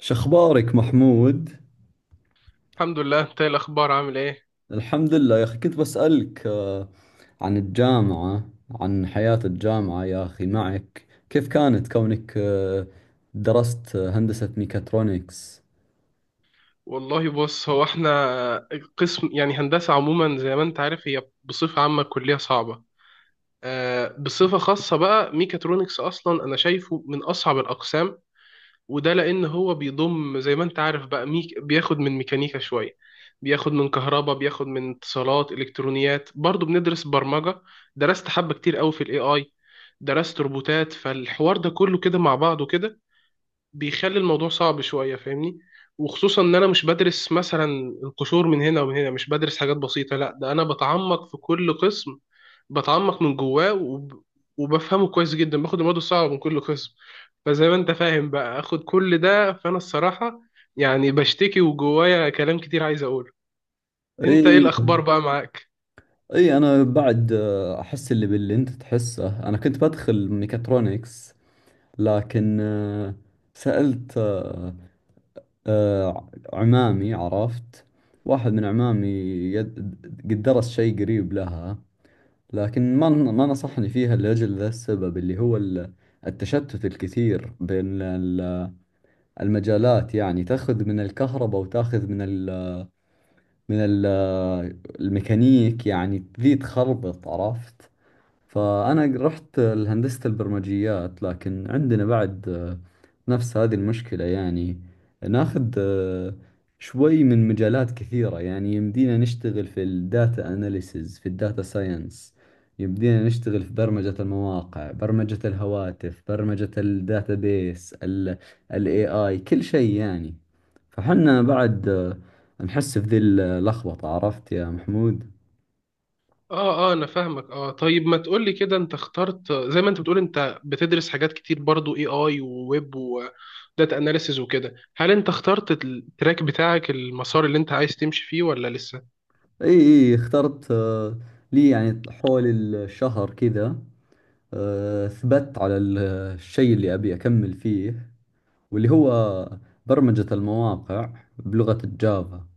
شخبارك محمود؟ الحمد لله. انت ايه الاخبار، عامل ايه؟ الحمد لله يا أخي، كنت بسألك عن الجامعة، عن حياة الجامعة. يا أخي معك، كيف كانت كونك درست هندسة ميكاترونكس؟ والله بص، هو احنا قسم، يعني هندسة عموما زي ما انت عارف، هي بصفة عامة كلية صعبة. بصفة خاصة بقى ميكاترونكس، اصلا انا شايفه من اصعب الاقسام. وده لان هو بيضم زي ما انت عارف بقى، ميك بياخد من ميكانيكا شوية، بياخد من كهرباء، بياخد من اتصالات، الكترونيات، برضو بندرس برمجة. درست حبة كتير قوي في الاي اي، درست روبوتات. فالحوار ده كله كده مع بعضه كده بيخلي الموضوع صعب شوية، فاهمني؟ وخصوصا ان انا مش بدرس مثلا القشور من هنا ومن هنا، مش بدرس حاجات بسيطة، لا، ده انا بتعمق في كل قسم، بتعمق من جواه وبفهمه كويس جدا، باخد المواد الصعبة من كل قسم. فزي ما انت فاهم بقى، اخد كل ده، فانا الصراحة يعني بشتكي، وجوايا كلام كتير عايز اقوله. انت ايه إي الاخبار بقى معاك؟ إي أنا بعد أحس باللي أنت تحسه. أنا كنت بدخل ميكاترونكس، لكن سألت عمامي، عرفت واحد من عمامي يد- قد درس شيء قريب لها، لكن ما نصحني فيها لأجل ذا السبب، اللي هو التشتت الكثير بين المجالات. يعني تأخذ من الكهرباء وتأخذ من ال من ال الميكانيك، يعني ذي تخربط، عرفت. فأنا رحت لهندسة البرمجيات، لكن عندنا بعد نفس هذه المشكلة، يعني ناخذ شوي من مجالات كثيرة. يعني يمدينا نشتغل في الداتا أناليسز، في الداتا ساينس، يمدينا نشتغل في برمجة المواقع، برمجة الهواتف، برمجة الداتابيس، ال ال AI، كل شيء يعني. فحنا بعد نحس في ذي اللخبطة، عرفت يا محمود. اه، انا فاهمك. اه طيب، ما تقولي كده، انت اخترت زي ما انت بتقول، انت بتدرس حاجات كتير برضو، اي اي وويب، داتا اناليسز وكده. هل انت اخترت التراك بتاعك، المسار اللي انت عايز تمشي فيه، ولا لسه؟ اي اخترت لي يعني حول الشهر كذا ثبت على الشيء اللي ابي اكمل فيه، واللي هو برمجة المواقع بلغة الجافا،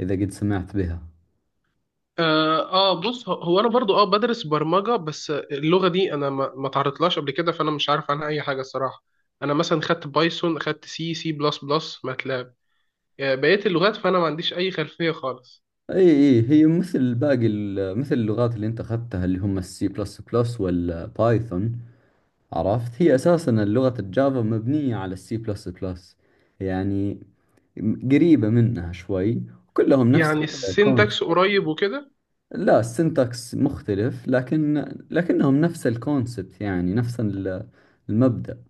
اذا قد سمعت بها. اه، آه بص، هو انا برضو اه بدرس برمجة، بس اللغة دي انا ما تعرضتلهاش قبل كده، فانا مش عارف عنها اي حاجة الصراحة. انا مثلا خدت بايثون، خدت سي سي بلس بلس، ماتلاب، آه بقية اللغات. فانا ما عنديش اي خلفية خالص. اي هي مثل باقي مثل اللغات اللي انت اخذتها، اللي هم السي بلس بلس والبايثون، عرفت. هي اساسا لغة الجافا مبنية على السي بلس بلس، يعني قريبة منها شوي. كلهم نفس يعني الكونسبت. السينتاكس قريب وكده؟ لا، السنتكس مختلف، لكن لكنهم نفس الكونسبت، يعني نفس المبدأ.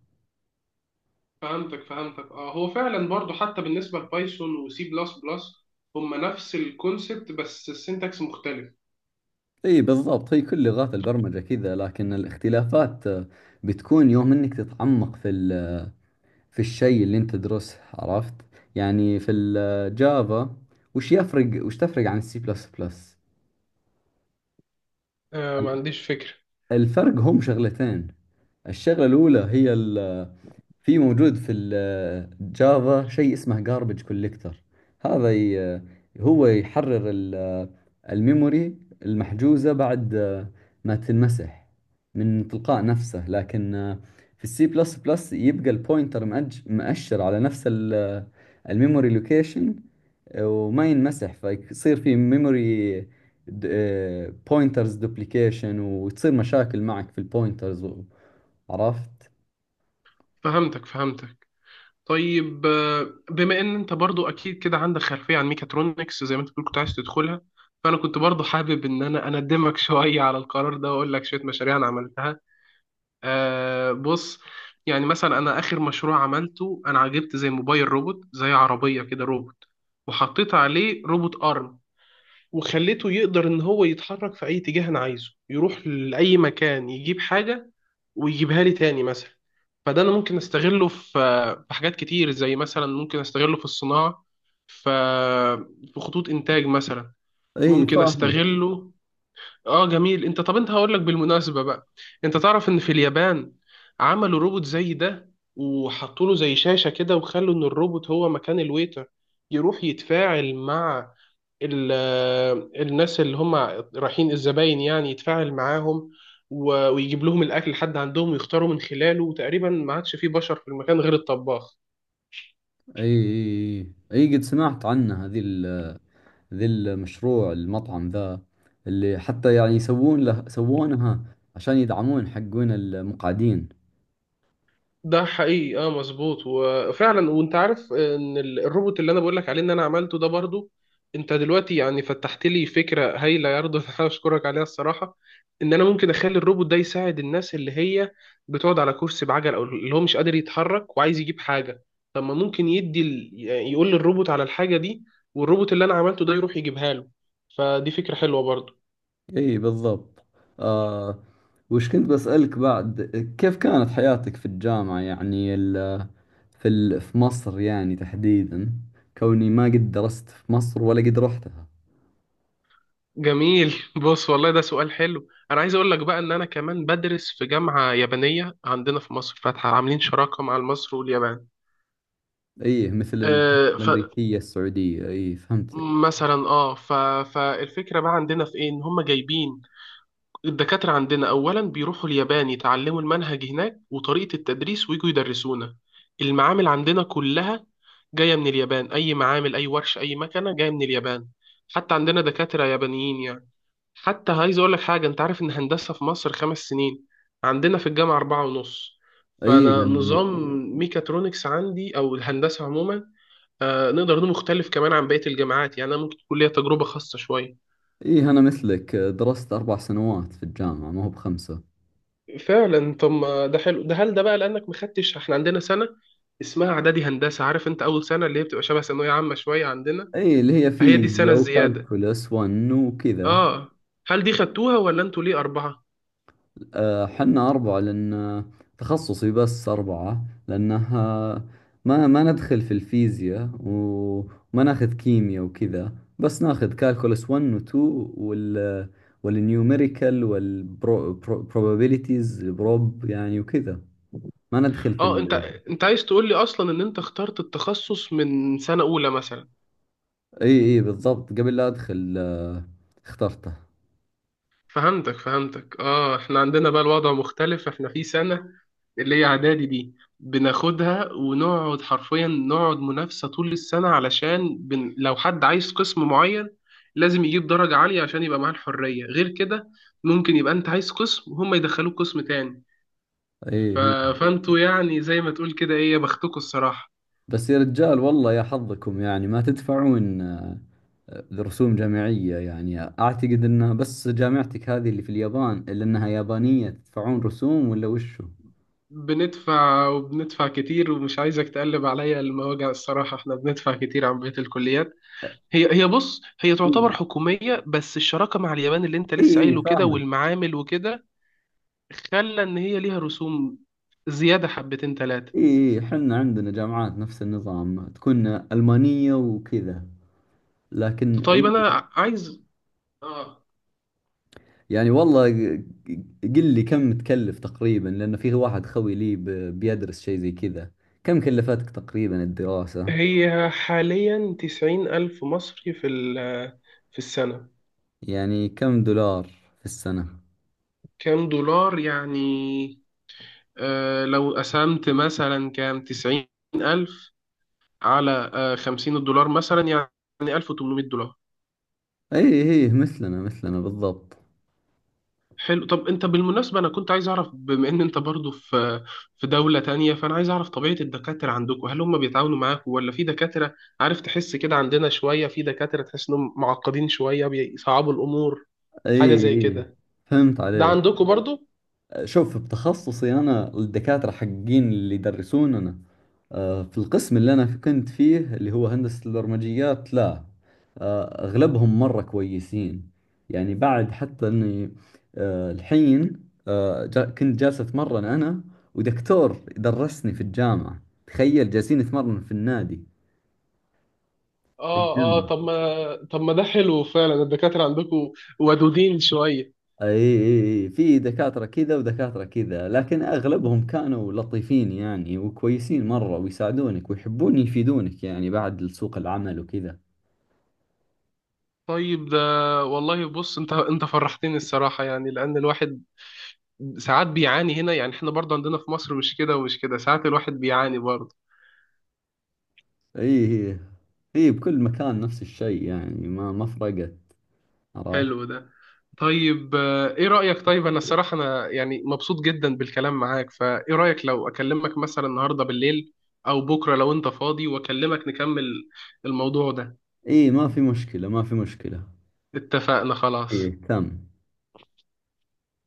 فهمتك فهمتك. اه، هو فعلا برضو حتى بالنسبة لبايثون وسي بلس بلس، هم نفس الكونسبت بس السينتاكس مختلف. اي بالضبط، هي كل لغات البرمجة كذا. لكن الاختلافات بتكون يوم انك تتعمق في في الشيء اللي انت تدرسه، عرفت. يعني في الجافا، وش تفرق عن السي بلس بلس؟ آه، ما عنديش فكرة. الفرق هم شغلتين. الشغلة الأولى هي في، موجود في الجافا شيء اسمه garbage collector. هذا ي- هو يحرر الميموري المحجوزة بعد ما تنمسح، من تلقاء نفسه. لكن في السي بلس بلس يبقى البوينتر مأشر على نفس الميموري لوكيشن، وما ينمسح، فيصير في ميموري بوينترز دوبليكيشن، وتصير مشاكل معك في البوينترز، عرفت؟ فهمتك فهمتك. طيب بما ان انت برضو اكيد كده عندك خلفية عن ميكاترونكس، زي ما انت بتقول كنت عايز تدخلها، فانا كنت برضو حابب ان انا اندمك شوية على القرار ده، واقول لك شوية مشاريع انا عملتها. آه بص، يعني مثلا انا اخر مشروع عملته انا عجبت، زي موبايل روبوت، زي عربية كده روبوت، وحطيت عليه روبوت ارم، وخليته يقدر ان هو يتحرك في اي اتجاه انا عايزه، يروح لاي مكان يجيب حاجه ويجيبها لي تاني مثلا. فده انا ممكن استغله في حاجات كتير، زي مثلا ممكن استغله في الصناعه، ف- في خطوط انتاج مثلا، اي ممكن فاهمك. استغله. اه جميل. انت طب هقول لك بالمناسبة بقى، انت تعرف ان في اليابان عملوا روبوت زي ده، وحطوا له زي شاشة كده، وخلوا ان الروبوت هو مكان الويتر، يروح يتفاعل مع ال- الناس اللي هم رايحين، الزباين يعني، يتفاعل معاهم، ويجيب لهم الاكل لحد عندهم، ويختاروا من خلاله. وتقريبا ما عادش فيه بشر في المكان غير الطباخ. اي اي اي قد سمعت عنه، هذي ذي المشروع المطعم ذا اللي حتى يعني يسوون له سوونها عشان يدعمون حقون المقعدين. ده حقيقي، اه، مظبوط. وفعلا، وانت عارف ان الروبوت اللي انا بقول لك عليه ان انا عملته ده برضو، انت دلوقتي يعني فتحت لي فكره هايله يا رضا انا اشكرك عليها الصراحه، ان انا ممكن اخلي الروبوت ده يساعد الناس اللي هي بتقعد على كرسي بعجل، او اللي هو مش قادر يتحرك وعايز يجيب حاجه. طب ما ممكن يعني يقول للروبوت على الحاجه دي، والروبوت اللي انا عملته ده يروح يجيبها له. فدي فكره حلوه برضو. اي بالضبط. آه، وش كنت بسألك بعد؟ كيف كانت حياتك في الجامعة؟ يعني ال في ال في مصر يعني تحديدا، كوني ما قد درست في مصر ولا قد رحتها. جميل، بص والله ده سؤال حلو، انا عايز اقول لك بقى ان انا كمان بدرس في جامعة يابانية عندنا في مصر، فاتحة، عاملين شراكة مع مصر واليابان. اي مثل آه الأمريكية السعودية، اي فهمتك. فمثلا فالفكرة بقى عندنا في ايه، ان هم جايبين الدكاترة عندنا، اولا بيروحوا اليابان يتعلموا المنهج هناك وطريقة التدريس، ويجوا يدرسونا. المعامل عندنا كلها جاية من اليابان، اي معامل، اي ورش، اي مكنة جاية من اليابان، حتى عندنا دكاترة يابانيين يعني. حتى عايز اقول لك حاجه، انت عارف ان هندسه في مصر 5 سنين؟ عندنا في الجامعه 4 ونص. اي فانا لأن نظام ميكاترونكس عندي او الهندسه عموما، آه نقدر نقول مختلف كمان عن بقيه الجامعات، يعني انا ممكن تكون ليا تجربه خاصه شويه. إيه، أنا مثلك درست أربع سنوات في الجامعة، ما هو بخمسة. فعلا، طب ما ده حلو. ده هل ده بقى لانك ما خدتش، احنا عندنا سنه اسمها اعدادي هندسه، عارف، انت اول سنه اللي هي بتبقى شبه ثانويه عامه شويه عندنا، إيه، اللي هي فهي دي السنه فيزياء الزياده. وكالكولس 1 وكذا. اه، هل دي خدتوها ولا انتوا ليه اربعه؟ آه، حنا أربعة لأن تخصصي بس أربعة، لأنها ما ندخل في الفيزياء، وما ناخذ كيمياء وكذا. بس ناخذ كالكولس 1 و 2 وال والنيوميريكال والبروبابيليتيز، بروب يعني، وكذا. ما ندخل في اه انت، ال... انت عايز تقول لي اصلا ان انت اخترت التخصص من سنة اولى مثلا؟ اي بالضبط، قبل لا ادخل اخترته. فهمتك فهمتك. اه احنا عندنا بقى الوضع مختلف، احنا في سنة اللي هي اعدادي دي بناخدها، ونقعد حرفيا نقعد منافسة طول السنة، علشان لو حد عايز قسم معين، لازم يجيب درجة عالية عشان يبقى معاه الحرية. غير كده ممكن يبقى انت عايز قسم وهم يدخلوك قسم تاني. ايه ف... إيه. فانتوا يعني زي ما تقول كده، ايه يا بختكوا الصراحة. بس يا رجال، والله يا حظكم، يعني ما تدفعون رسوم جامعية. يعني اعتقد انها بس جامعتك هذه اللي في اليابان اللي انها يابانية تدفعون رسوم، ولا وشو؟ بندفع، وبندفع كتير، ومش عايزك تقلب عليا المواجع الصراحة، احنا بندفع كتير عن بقية الكليات. هي بص، هي اي تعتبر حكومية، بس الشراكة مع اليابان اللي انت لسه اي قايله كده، فاهمك. والمعامل وكده، خلى ان هي ليها رسوم زيادة حبتين تلاتة. اي احنا عندنا جامعات نفس النظام، تكون ألمانية وكذا، لكن طيب اي. انا عايز اه. يعني والله، قل لي كم تكلف تقريبا، لأن فيه واحد خوي لي بيدرس شيء زي كذا. كم كلفتك تقريبا الدراسة؟ هي حاليا 90,000 مصري في ال، في السنة. يعني كم دولار في السنة. كام دولار يعني؟ آه لو قسمت مثلا، كام 90,000 على $50 مثلا، يعني $1800. اي مثلنا مثلنا بالضبط. حلو. طب انت بالمناسبة، انا كنت عايز اعرف، بما ان انت برضو في في دولة تانية، فانا عايز اعرف طبيعة الدكاترة عندكم. هل هم بيتعاونوا معاكم، ولا في دكاترة، عارف، تحس كده، عندنا شوية في دكاترة تحس انهم معقدين شوية، بيصعبوا الامور، حاجة اي زي اي كده، فهمت ده عليك. عندكم برضو؟ شوف، بتخصصي انا الدكاترة حقين اللي يدرسوننا في القسم اللي انا كنت فيه، اللي هو هندسة البرمجيات، لا، اغلبهم مرة كويسين. يعني بعد حتى اني الحين كنت جالس اتمرن انا، ودكتور درسني في الجامعة، تخيل جالسين نتمرن في النادي، في اه اه الجيم. طب ما طب ما ده حلو، فعلا الدكاترة عندكم ودودين شوية. اي اي في دكاترة كذا ودكاترة كذا، لكن اغلبهم كانوا لطيفين يعني، وكويسين مرة، ويساعدونك ويحبون يفيدونك يعني بعد سوق العمل وكذا. طيب ده، والله بص، انت فرحتني الصراحة، يعني لأن الواحد ساعات بيعاني هنا، يعني احنا برضه عندنا في مصر مش كده ومش كده، ساعات الواحد بيعاني برضه. اي اي اي بكل مكان نفس الشيء، يعني ما فرقت، عرفت. حلو ده. طيب ايه رأيك، طيب انا الصراحة انا يعني مبسوط جدا بالكلام معاك، فايه رأيك لو اكلمك مثلا النهاردة بالليل، او بكرة لو انت فاضي، واكلمك نكمل الموضوع ده؟ اي ما في مشكلة، ما في مشكلة. اتفقنا، اي خلاص. تم.